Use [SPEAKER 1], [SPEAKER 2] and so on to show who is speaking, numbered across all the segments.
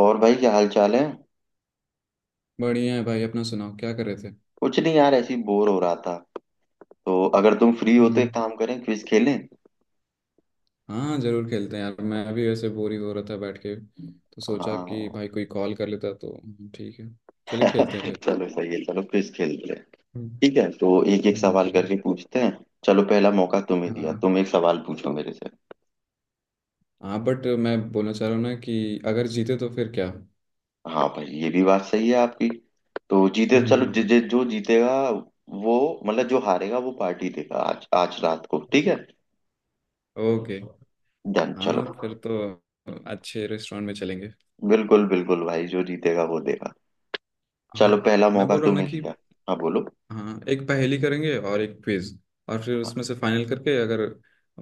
[SPEAKER 1] और भाई, क्या हाल चाल है?
[SPEAKER 2] बढ़िया है भाई। अपना सुनाओ क्या कर रहे थे?
[SPEAKER 1] कुछ नहीं यार, ऐसी बोर हो रहा था। तो अगर तुम फ्री हो, तो
[SPEAKER 2] हम्म।
[SPEAKER 1] एक काम करें, क्विज खेलें।
[SPEAKER 2] हाँ जरूर खेलते हैं यार। मैं भी वैसे बोर ही हो रहा था बैठ के तो सोचा कि
[SPEAKER 1] हाँ।
[SPEAKER 2] भाई कोई कॉल कर लेता तो। ठीक है। चलिए खेलते हैं फिर।
[SPEAKER 1] चलो, सही है। चलो, क्विज खेलते हैं।
[SPEAKER 2] हम्म,
[SPEAKER 1] ठीक है, तो एक एक सवाल
[SPEAKER 2] हम्म,
[SPEAKER 1] करके पूछते हैं। चलो, पहला मौका तुम्हें दिया,
[SPEAKER 2] हाँ,
[SPEAKER 1] तुम एक सवाल पूछो मेरे से।
[SPEAKER 2] हाँ, बट मैं बोलना चाह रहा हूँ ना कि अगर जीते तो फिर क्या?
[SPEAKER 1] हाँ भाई, ये भी बात सही है आपकी। तो जीते, चलो
[SPEAKER 2] हम्म।
[SPEAKER 1] जि, जि, जो जीतेगा वो... मतलब जो हारेगा वो पार्टी देगा आज आज रात को, ठीक है।
[SPEAKER 2] ओके।
[SPEAKER 1] डन, चलो।
[SPEAKER 2] हाँ, फिर तो अच्छे रेस्टोरेंट में चलेंगे।
[SPEAKER 1] बिल्कुल बिल्कुल भाई, जो जीतेगा वो देगा।
[SPEAKER 2] हाँ।
[SPEAKER 1] चलो, पहला
[SPEAKER 2] मैं
[SPEAKER 1] मौका
[SPEAKER 2] बोल रहा हूँ ना
[SPEAKER 1] तुम्हें
[SPEAKER 2] कि।
[SPEAKER 1] दिया। हाँ, बोलो।
[SPEAKER 2] हाँ, एक पहेली करेंगे और एक क्विज। और फिर उसमें से फाइनल करके अगर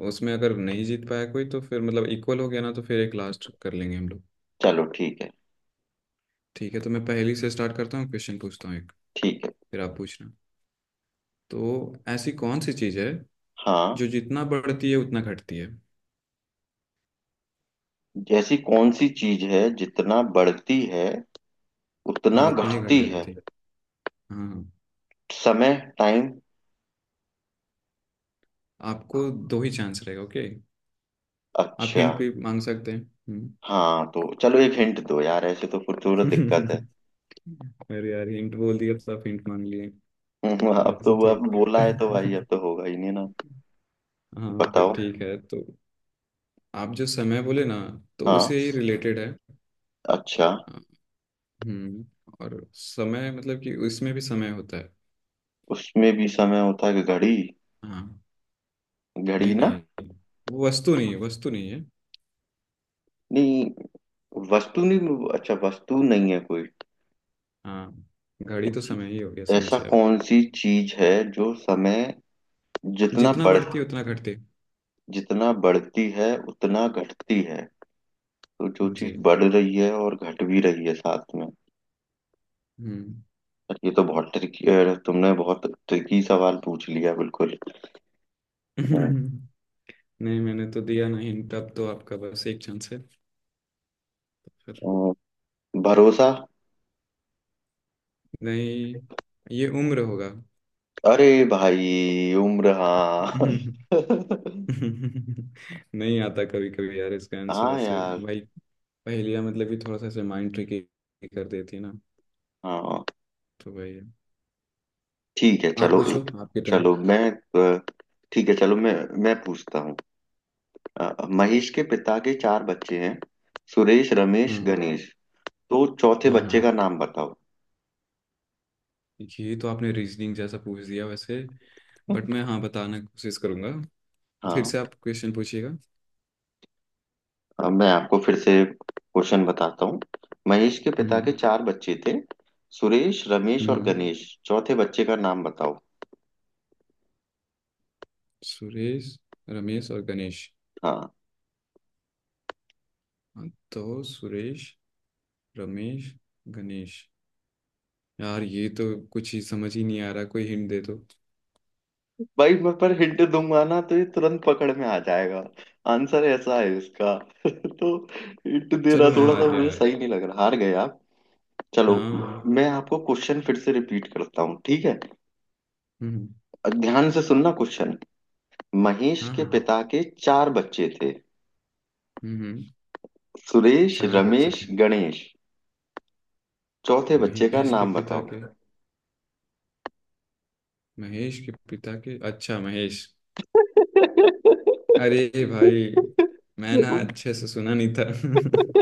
[SPEAKER 2] उसमें अगर नहीं जीत पाया कोई तो फिर मतलब इक्वल हो गया ना, तो फिर एक लास्ट कर लेंगे हम लोग।
[SPEAKER 1] चलो ठीक है।
[SPEAKER 2] ठीक है, तो मैं पहेली से स्टार्ट करता हूँ, क्वेश्चन पूछता हूँ एक।
[SPEAKER 1] ठीक है।
[SPEAKER 2] फिर आप पूछना तो। ऐसी कौन सी चीज़ है
[SPEAKER 1] हाँ।
[SPEAKER 2] जो जितना बढ़ती है उतना घटती है?
[SPEAKER 1] ऐसी कौन सी चीज है जितना बढ़ती है
[SPEAKER 2] हाँ,
[SPEAKER 1] उतना
[SPEAKER 2] उतना ही घट
[SPEAKER 1] घटती है?
[SPEAKER 2] जाती है। हाँ, हाँ।
[SPEAKER 1] समय? टाइम?
[SPEAKER 2] आपको दो ही चांस रहेगा, ओके? आप
[SPEAKER 1] अच्छा।
[SPEAKER 2] हिंट भी मांग सकते हैं। हम्म।
[SPEAKER 1] हाँ तो चलो, एक हिंट दो यार, ऐसे तो फिर थोड़ा दिक्कत है।
[SPEAKER 2] अरे यार, हिंट बोल दिया तो आप हिंट मांग लिए।
[SPEAKER 1] अब
[SPEAKER 2] ऐसा
[SPEAKER 1] तो वो आपने
[SPEAKER 2] थोड़ी
[SPEAKER 1] बोला
[SPEAKER 2] होता
[SPEAKER 1] है तो भाई अब
[SPEAKER 2] है।
[SPEAKER 1] तो होगा ही नहीं ना।
[SPEAKER 2] हाँ, फिर
[SPEAKER 1] बताओ।
[SPEAKER 2] ठीक है। तो आप जो समय बोले ना, तो
[SPEAKER 1] हाँ।
[SPEAKER 2] उसे ही रिलेटेड है।
[SPEAKER 1] अच्छा।
[SPEAKER 2] हाँ। हम्म। और समय मतलब कि उसमें भी समय होता है।
[SPEAKER 1] उसमें भी समय होता है, कि घड़ी?
[SPEAKER 2] हाँ।
[SPEAKER 1] घड़ी
[SPEAKER 2] नहीं,
[SPEAKER 1] ना?
[SPEAKER 2] नहीं, वो वस्तु नहीं है, वस्तु नहीं है।
[SPEAKER 1] नहीं। वस्तु नहीं। अच्छा, वस्तु नहीं है कोई?
[SPEAKER 2] हाँ। घड़ी तो समय ही हो गया,
[SPEAKER 1] ऐसा
[SPEAKER 2] समझिए आप।
[SPEAKER 1] कौन सी चीज है जो समय... जितना
[SPEAKER 2] जितना
[SPEAKER 1] बढ़...
[SPEAKER 2] बढ़ती उतना घटती।
[SPEAKER 1] जितना बढ़ती है उतना घटती है। तो जो चीज
[SPEAKER 2] जी।
[SPEAKER 1] बढ़ रही है और घट भी रही है साथ में...
[SPEAKER 2] हम्म।
[SPEAKER 1] पर ये तो बहुत ट्रिकी... तुमने बहुत ट्रिकी सवाल पूछ लिया बिल्कुल।
[SPEAKER 2] नहीं, मैंने तो दिया ना हिंट। अब तो आपका बस एक चांस है तो फिर।
[SPEAKER 1] अ, भरोसा?
[SPEAKER 2] नहीं, ये उम्र होगा।
[SPEAKER 1] अरे भाई, उम्र? हाँ।
[SPEAKER 2] नहीं आता कभी कभी यार इसका आंसर
[SPEAKER 1] हाँ
[SPEAKER 2] ऐसे।
[SPEAKER 1] यार।
[SPEAKER 2] भाई पहेलियाँ मतलब कि थोड़ा सा ऐसे माइंड ट्रिकी कर देती है ना।
[SPEAKER 1] हाँ
[SPEAKER 2] तो भाई।
[SPEAKER 1] ठीक है,
[SPEAKER 2] आप
[SPEAKER 1] चलो
[SPEAKER 2] पूछो,
[SPEAKER 1] एक...
[SPEAKER 2] आपके टर्न।
[SPEAKER 1] चलो मैं... अ, ठीक है, चलो मैं... मैं पूछता हूँ। महेश के पिता के चार बच्चे हैं। सुरेश, रमेश,
[SPEAKER 2] हाँ,
[SPEAKER 1] गणेश। तो चौथे
[SPEAKER 2] हाँ। हाँ,
[SPEAKER 1] बच्चे का नाम बताओ।
[SPEAKER 2] ये तो आपने रीजनिंग जैसा पूछ दिया वैसे। बट मैं, हाँ, बताने की कोशिश करूंगा। फिर
[SPEAKER 1] हाँ।
[SPEAKER 2] से आप क्वेश्चन पूछिएगा।
[SPEAKER 1] अब मैं आपको फिर से क्वेश्चन बताता हूँ। महेश के पिता के
[SPEAKER 2] हम्म।
[SPEAKER 1] चार बच्चे थे। सुरेश, रमेश और
[SPEAKER 2] हम्म।
[SPEAKER 1] गणेश। चौथे बच्चे का नाम बताओ।
[SPEAKER 2] सुरेश, रमेश और गणेश।
[SPEAKER 1] हाँ
[SPEAKER 2] हाँ, तो सुरेश, रमेश, गणेश। यार, ये तो कुछ ही समझ ही नहीं आ रहा, कोई हिंट दे दो।
[SPEAKER 1] भाई, मैं पर हिंट दूंगा ना तो ये तुरंत पकड़ में आ जाएगा। आंसर ऐसा है इसका। तो हिंट दे रहा,
[SPEAKER 2] चलो, मैं
[SPEAKER 1] थोड़ा
[SPEAKER 2] हार
[SPEAKER 1] सा
[SPEAKER 2] गया
[SPEAKER 1] मुझे
[SPEAKER 2] यार।
[SPEAKER 1] सही नहीं लग रहा। हार गए आप। चलो,
[SPEAKER 2] हाँ।
[SPEAKER 1] मैं आपको क्वेश्चन फिर से रिपीट करता हूँ, ठीक है?
[SPEAKER 2] हम्म।
[SPEAKER 1] ध्यान से सुनना क्वेश्चन। महेश
[SPEAKER 2] हाँ,
[SPEAKER 1] के
[SPEAKER 2] हाँ।
[SPEAKER 1] पिता के चार बच्चे थे।
[SPEAKER 2] हम्म।
[SPEAKER 1] सुरेश,
[SPEAKER 2] चार बच्चे
[SPEAKER 1] रमेश,
[SPEAKER 2] थे।
[SPEAKER 1] गणेश। चौथे बच्चे का
[SPEAKER 2] महेश के
[SPEAKER 1] नाम
[SPEAKER 2] पिता
[SPEAKER 1] बताओ।
[SPEAKER 2] के, महेश के पिता के, अच्छा, महेश। अरे भाई। मैं ना अच्छे से सुना नहीं था।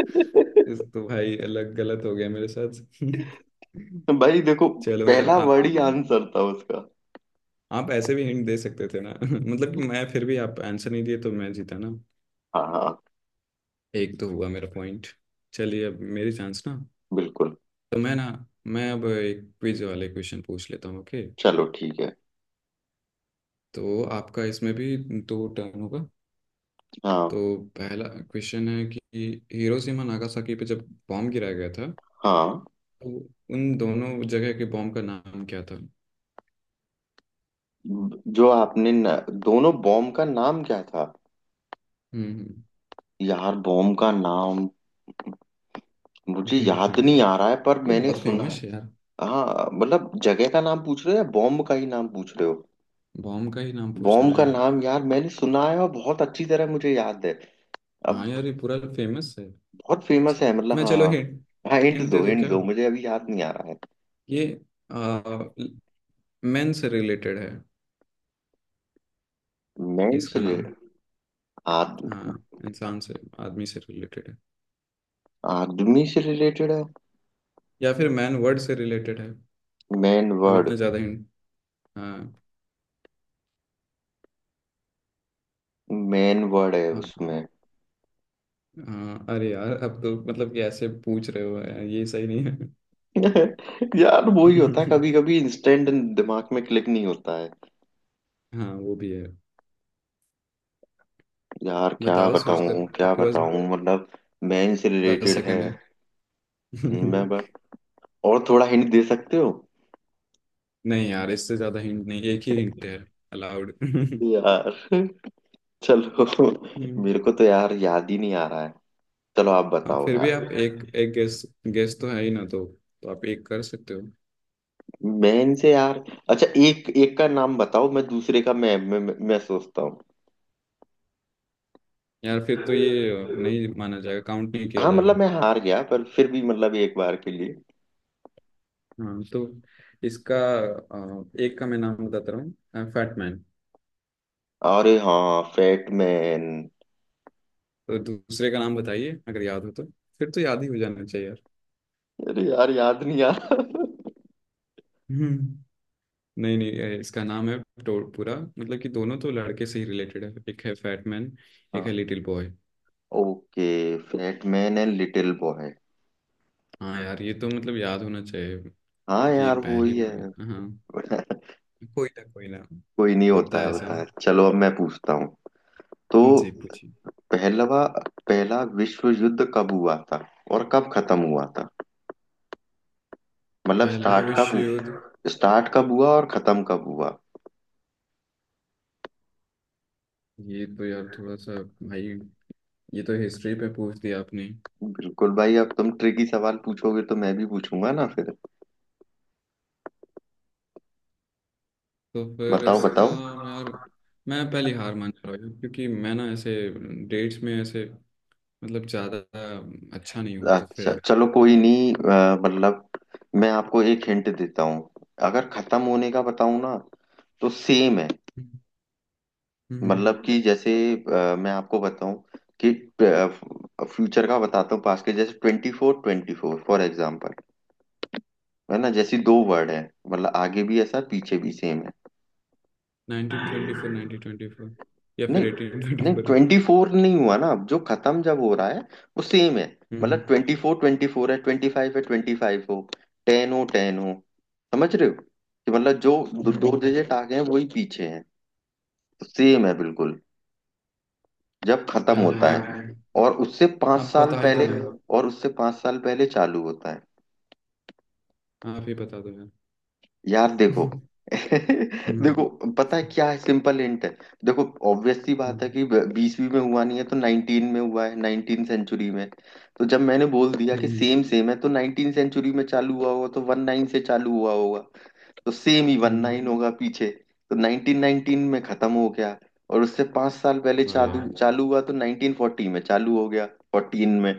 [SPEAKER 2] इस तो भाई अलग गलत हो गया मेरे साथ।
[SPEAKER 1] भाई देखो,
[SPEAKER 2] चलो यार
[SPEAKER 1] पहला
[SPEAKER 2] आप।
[SPEAKER 1] वर्ड ही आंसर था उसका।
[SPEAKER 2] आप ऐसे भी हिंट दे सकते थे ना। मतलब कि मैं, फिर भी आप आंसर नहीं दिए तो मैं जीता ना?
[SPEAKER 1] हाँ हाँ,
[SPEAKER 2] एक तो हुआ मेरा पॉइंट। चलिए अब मेरी चांस ना।
[SPEAKER 1] बिल्कुल।
[SPEAKER 2] तो मैं ना, मैं अब एक क्विज वाले क्वेश्चन पूछ लेता हूँ, ओके?
[SPEAKER 1] चलो ठीक है।
[SPEAKER 2] तो आपका इसमें भी दो टर्न होगा।
[SPEAKER 1] हाँ।
[SPEAKER 2] तो पहला क्वेश्चन है कि हिरोशिमा नागासाकी पे जब बॉम्ब गिराया गया था,
[SPEAKER 1] हाँ।
[SPEAKER 2] तो उन दोनों जगह के बॉम्ब का नाम क्या था?
[SPEAKER 1] जो आपने न, दोनों बॉम्ब का नाम क्या था?
[SPEAKER 2] हम्म,
[SPEAKER 1] यार, बॉम्ब का नाम
[SPEAKER 2] हम्म,
[SPEAKER 1] मुझे
[SPEAKER 2] हम्म,
[SPEAKER 1] याद नहीं आ रहा है, पर
[SPEAKER 2] ये
[SPEAKER 1] मैंने
[SPEAKER 2] बहुत
[SPEAKER 1] सुना है।
[SPEAKER 2] फेमस है यार।
[SPEAKER 1] हाँ मतलब, जगह का नाम पूछ रहे हो या बॉम्ब का ही नाम पूछ रहे हो?
[SPEAKER 2] बॉम्ब का ही नाम पूछ रहा
[SPEAKER 1] बॉम्ब
[SPEAKER 2] हूँ
[SPEAKER 1] का
[SPEAKER 2] यार।
[SPEAKER 1] नाम। यार, मैंने सुना है और बहुत अच्छी तरह मुझे याद है।
[SPEAKER 2] हाँ
[SPEAKER 1] अब...
[SPEAKER 2] यार, ये पूरा फेमस है।
[SPEAKER 1] बहुत फेमस है, मतलब
[SPEAKER 2] मैं, चलो,
[SPEAKER 1] हाँ।
[SPEAKER 2] हिंट।
[SPEAKER 1] हाँ, हिंट
[SPEAKER 2] हिंट दे
[SPEAKER 1] दो,
[SPEAKER 2] दूँ
[SPEAKER 1] हिंट
[SPEAKER 2] क्या?
[SPEAKER 1] दो, मुझे अभी याद नहीं आ रहा है।
[SPEAKER 2] ये मेन से रिलेटेड है,
[SPEAKER 1] मैन से
[SPEAKER 2] इसका नाम।
[SPEAKER 1] रिले... आद,
[SPEAKER 2] हाँ। इंसान से, आदमी से रिलेटेड है।
[SPEAKER 1] आदमी से रिलेटेड है?
[SPEAKER 2] या फिर मैन वर्ड से रिलेटेड है।
[SPEAKER 1] मैन
[SPEAKER 2] अब
[SPEAKER 1] वर्ड?
[SPEAKER 2] इतना ज़्यादा हिंट। हाँ।
[SPEAKER 1] मैन वर्ड है
[SPEAKER 2] आप।
[SPEAKER 1] उसमें?
[SPEAKER 2] हाँ अरे यार, अब तो मतलब कि ऐसे पूछ रहे हो यार, ये सही नहीं है।
[SPEAKER 1] यार, वो ही होता है कभी कभी, इंस्टेंट दिमाग में क्लिक नहीं होता है।
[SPEAKER 2] हाँ, वो भी है।
[SPEAKER 1] यार, क्या
[SPEAKER 2] बताओ
[SPEAKER 1] बताऊं
[SPEAKER 2] सोचकर,
[SPEAKER 1] क्या
[SPEAKER 2] आपके पास
[SPEAKER 1] बताऊं, मतलब... मैन से
[SPEAKER 2] दस
[SPEAKER 1] रिलेटेड है।
[SPEAKER 2] सेकंड है।
[SPEAKER 1] मैं बस... और थोड़ा हिंट दे सकते हो?
[SPEAKER 2] नहीं यार, इससे ज्यादा हिंट नहीं, एक ही हिंट है अलाउड।
[SPEAKER 1] यार। चलो।
[SPEAKER 2] हम्म,
[SPEAKER 1] मेरे को तो यार याद ही नहीं आ रहा है। चलो आप
[SPEAKER 2] अब
[SPEAKER 1] बताओ
[SPEAKER 2] फिर भी
[SPEAKER 1] यार।
[SPEAKER 2] आप एक एक गेस, गेस तो है ही ना, तो आप एक कर सकते हो।
[SPEAKER 1] मैन से यार... अच्छा, एक एक का नाम बताओ, मैं दूसरे का मैं सोचता हूँ।
[SPEAKER 2] यार, फिर तो ये नहीं माना जाएगा, काउंट नहीं किया
[SPEAKER 1] हाँ मतलब
[SPEAKER 2] जाएगा।
[SPEAKER 1] मैं हार गया, पर फिर भी मतलब, एक बार के लिए...
[SPEAKER 2] हाँ, तो इसका एक का मैं नाम बताता रहा हूँ, फैटमैन।
[SPEAKER 1] अरे हाँ, फैटमैन।
[SPEAKER 2] तो दूसरे का नाम बताइए अगर याद हो तो। फिर तो याद ही हो जाना चाहिए यार।
[SPEAKER 1] अरे यार, याद नहीं आ रहा।
[SPEAKER 2] हम्म। नहीं, नहीं, ये इसका नाम है। पूरा मतलब कि दोनों तो लड़के से ही रिलेटेड है, एक है फैटमैन। एक है
[SPEAKER 1] हाँ।
[SPEAKER 2] Little boy.
[SPEAKER 1] Okay. Fat man and little boy.
[SPEAKER 2] हाँ यार, ये तो मतलब याद होना चाहिए।
[SPEAKER 1] हाँ
[SPEAKER 2] ये
[SPEAKER 1] यार, वो
[SPEAKER 2] पहली
[SPEAKER 1] ही
[SPEAKER 2] बार।
[SPEAKER 1] है।
[SPEAKER 2] हाँ। कोई ना, कोई ना।
[SPEAKER 1] कोई नहीं,
[SPEAKER 2] होता
[SPEAKER 1] होता है
[SPEAKER 2] है ऐसा।
[SPEAKER 1] होता है। चलो, अब मैं पूछता हूँ। तो...
[SPEAKER 2] जी, पूछिए।
[SPEAKER 1] पहलवा पहला विश्व युद्ध कब हुआ था और कब खत्म हुआ था? मतलब
[SPEAKER 2] पहला विश्व युद्ध।
[SPEAKER 1] स्टार्ट कब हुआ और खत्म कब हुआ?
[SPEAKER 2] ये तो यार थोड़ा सा। भाई। ये तो हिस्ट्री पे पूछ दिया आपने।
[SPEAKER 1] बिल्कुल भाई, अब तुम ट्रिकी सवाल पूछोगे तो मैं भी पूछूंगा ना फिर।
[SPEAKER 2] तो फिर
[SPEAKER 1] बताओ
[SPEAKER 2] इसका।
[SPEAKER 1] बताओ।
[SPEAKER 2] यार, मैं पहली हार मान जा रहा हूँ क्योंकि मैं ना ऐसे डेट्स में ऐसे मतलब ज्यादा अच्छा नहीं, हो तो फिर
[SPEAKER 1] अच्छा
[SPEAKER 2] आप।
[SPEAKER 1] चलो, कोई नहीं, मतलब मैं आपको एक हिंट देता हूँ। अगर खत्म होने का बताऊँ ना तो सेम है।
[SPEAKER 2] हम्म।
[SPEAKER 1] मतलब कि जैसे मैं आपको बताऊँ कि... फ्यूचर का बताता हूँ, पास के, जैसे ट्वेंटी फोर फॉर एग्जाम्पल, है ना? जैसी दो वर्ड है, मतलब आगे भी ऐसा पीछे भी सेम है।
[SPEAKER 2] Nineteen twenty four, nineteen twenty four, या
[SPEAKER 1] नहीं।
[SPEAKER 2] फिर एटीन ट्वेंटी
[SPEAKER 1] नहीं
[SPEAKER 2] फोर है।
[SPEAKER 1] ट्वेंटी फोर नहीं हुआ ना, अब जो खत्म जब हो रहा है वो सेम है। मतलब
[SPEAKER 2] हम्म,
[SPEAKER 1] ट्वेंटी फोर है, ट्वेंटी फाइव है, ट्वेंटी फाइव हो, टेन हो टेन हो। समझ रहे हो कि मतलब, जो दो
[SPEAKER 2] हम्म,
[SPEAKER 1] डिजिट आगे हैं वही पीछे हैं, सेम है बिल्कुल। जब खत्म
[SPEAKER 2] यार
[SPEAKER 1] होता
[SPEAKER 2] मैं।
[SPEAKER 1] है और उससे पांच
[SPEAKER 2] आप
[SPEAKER 1] साल
[SPEAKER 2] बता ही दो
[SPEAKER 1] पहले...
[SPEAKER 2] ना।
[SPEAKER 1] और उससे पांच साल पहले चालू होता है।
[SPEAKER 2] आप ही बता दो यार।
[SPEAKER 1] यार देखो...
[SPEAKER 2] हम्म।
[SPEAKER 1] देखो, पता है क्या है? सिंपल हिंट है। देखो, ऑब्वियस सी
[SPEAKER 2] हम्म।
[SPEAKER 1] बात है कि बीसवीं में हुआ नहीं है तो नाइनटीन में हुआ है, नाइनटीन सेंचुरी में। तो जब मैंने बोल दिया कि
[SPEAKER 2] हम्म,
[SPEAKER 1] सेम सेम है, तो नाइनटीन सेंचुरी में चालू हुआ होगा, तो वन नाइन से चालू हुआ होगा। तो सेम ही वन
[SPEAKER 2] हम्म।
[SPEAKER 1] नाइन होगा पीछे। तो 1919 में खत्म हो गया। और उससे पांच साल पहले
[SPEAKER 2] वाह यार।
[SPEAKER 1] चालू चालू हुआ तो 1940 में चालू हो गया। फोर्टीन में...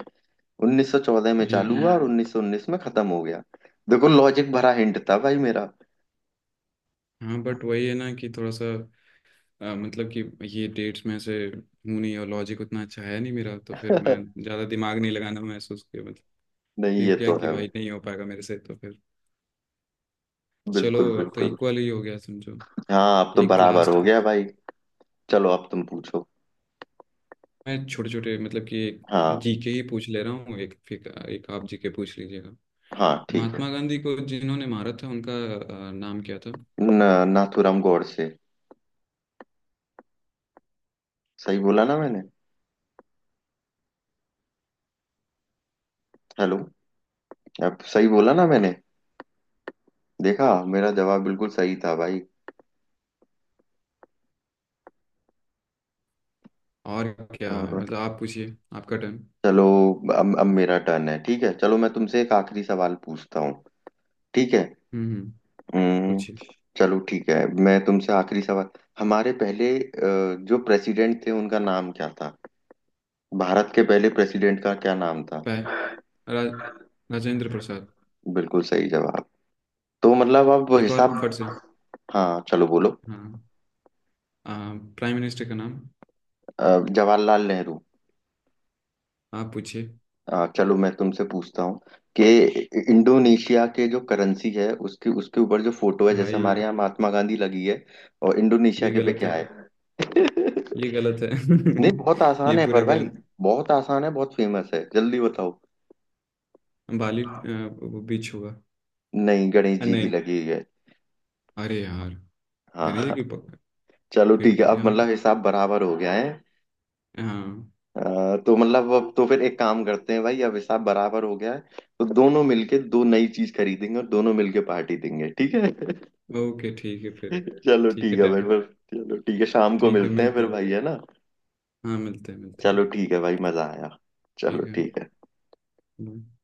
[SPEAKER 1] 1914 में
[SPEAKER 2] नहीं यार।
[SPEAKER 1] चालू हुआ और 1919 में खत्म हो गया। देखो, लॉजिक भरा हिंट था भाई मेरा।
[SPEAKER 2] हाँ, बट वही है ना कि थोड़ा सा, मतलब कि ये डेट्स में से हूँ नहीं, और लॉजिक उतना अच्छा है नहीं मेरा, तो फिर मैं ज़्यादा दिमाग नहीं लगाना महसूस किया, मतलब।
[SPEAKER 1] नहीं, ये
[SPEAKER 2] फील किया
[SPEAKER 1] तो
[SPEAKER 2] कि
[SPEAKER 1] है भाई।
[SPEAKER 2] भाई नहीं हो पाएगा मेरे से तो फिर। चलो,
[SPEAKER 1] बिल्कुल
[SPEAKER 2] अब तो
[SPEAKER 1] बिल्कुल।
[SPEAKER 2] इक्वल ही हो गया समझो।
[SPEAKER 1] हाँ, अब तो
[SPEAKER 2] एक
[SPEAKER 1] बराबर
[SPEAKER 2] लास्ट
[SPEAKER 1] हो गया
[SPEAKER 2] कर।
[SPEAKER 1] भाई। चलो, अब तुम पूछो।
[SPEAKER 2] मैं छोटे छोटे मतलब कि एक
[SPEAKER 1] हाँ
[SPEAKER 2] जीके ही पूछ ले रहा हूँ एक, फिर एक आप जीके पूछ लीजिएगा।
[SPEAKER 1] हाँ। ठीक है।
[SPEAKER 2] महात्मा गांधी को जिन्होंने मारा था उनका नाम क्या था?
[SPEAKER 1] न, नाथूराम गोडसे। सही बोला ना मैंने? हेलो? अब सही बोला ना मैंने? देखा, मेरा जवाब बिल्कुल सही था भाई।
[SPEAKER 2] और क्या
[SPEAKER 1] और...
[SPEAKER 2] मतलब, आप पूछिए, आपका टर्न।
[SPEAKER 1] चलो, अब मेरा टर्न है, ठीक है। चलो, मैं तुमसे एक आखिरी सवाल पूछता हूँ, ठीक है?
[SPEAKER 2] हम्म,
[SPEAKER 1] हम्म,
[SPEAKER 2] पूछिए।
[SPEAKER 1] चलो ठीक है, मैं तुमसे आखिरी सवाल... हमारे पहले जो प्रेसिडेंट थे उनका नाम क्या था? भारत के पहले प्रेसिडेंट का क्या नाम था?
[SPEAKER 2] पै रा, राजेंद्र प्रसाद।
[SPEAKER 1] बिल्कुल सही जवाब। तो मतलब अब
[SPEAKER 2] एक और
[SPEAKER 1] हिसाब...
[SPEAKER 2] फट से।
[SPEAKER 1] हाँ, चलो बोलो।
[SPEAKER 2] हाँ। प्राइम मिनिस्टर का नाम?
[SPEAKER 1] अ, जवाहरलाल नेहरू।
[SPEAKER 2] आप पूछिए।
[SPEAKER 1] चलो, मैं तुमसे पूछता हूँ कि इंडोनेशिया के जो करेंसी है, उसके उसके ऊपर जो फोटो है, जैसे हमारे
[SPEAKER 2] भाई।
[SPEAKER 1] यहाँ महात्मा गांधी लगी है, और इंडोनेशिया
[SPEAKER 2] ये
[SPEAKER 1] के पे
[SPEAKER 2] गलत
[SPEAKER 1] क्या
[SPEAKER 2] है।
[SPEAKER 1] है?
[SPEAKER 2] ये गलत है।
[SPEAKER 1] नहीं, बहुत
[SPEAKER 2] ये
[SPEAKER 1] आसान है
[SPEAKER 2] पूरा
[SPEAKER 1] पर भाई,
[SPEAKER 2] गलत।
[SPEAKER 1] बहुत आसान है, बहुत फेमस है, जल्दी बताओ।
[SPEAKER 2] बाली वो बीच होगा।
[SPEAKER 1] नहीं, गणेश जी की
[SPEAKER 2] नहीं।
[SPEAKER 1] लगी है।
[SPEAKER 2] अरे यार। गणेश जी
[SPEAKER 1] हाँ।
[SPEAKER 2] की।
[SPEAKER 1] चलो
[SPEAKER 2] फिर
[SPEAKER 1] ठीक है,
[SPEAKER 2] तो
[SPEAKER 1] अब
[SPEAKER 2] यार।
[SPEAKER 1] मतलब हिसाब बराबर हो गया है।
[SPEAKER 2] हाँ।
[SPEAKER 1] तो मतलब, अब तो फिर एक काम करते हैं भाई, अब हिसाब बराबर हो गया है। तो दोनों मिलके दो नई चीज खरीदेंगे और दोनों मिलके पार्टी देंगे, ठीक है।
[SPEAKER 2] ओके, ठीक है फिर।
[SPEAKER 1] चलो
[SPEAKER 2] ठीक
[SPEAKER 1] ठीक
[SPEAKER 2] है,
[SPEAKER 1] है भाई
[SPEAKER 2] डन।
[SPEAKER 1] फिर। चलो ठीक है, शाम को
[SPEAKER 2] ठीक है,
[SPEAKER 1] मिलते हैं
[SPEAKER 2] मिलते
[SPEAKER 1] फिर
[SPEAKER 2] हैं।
[SPEAKER 1] भाई, है ना?
[SPEAKER 2] हाँ, मिलते हैं, मिलते हैं।
[SPEAKER 1] चलो ठीक है भाई, मजा आया। चलो
[SPEAKER 2] ठीक है।
[SPEAKER 1] ठीक है।
[SPEAKER 2] bye.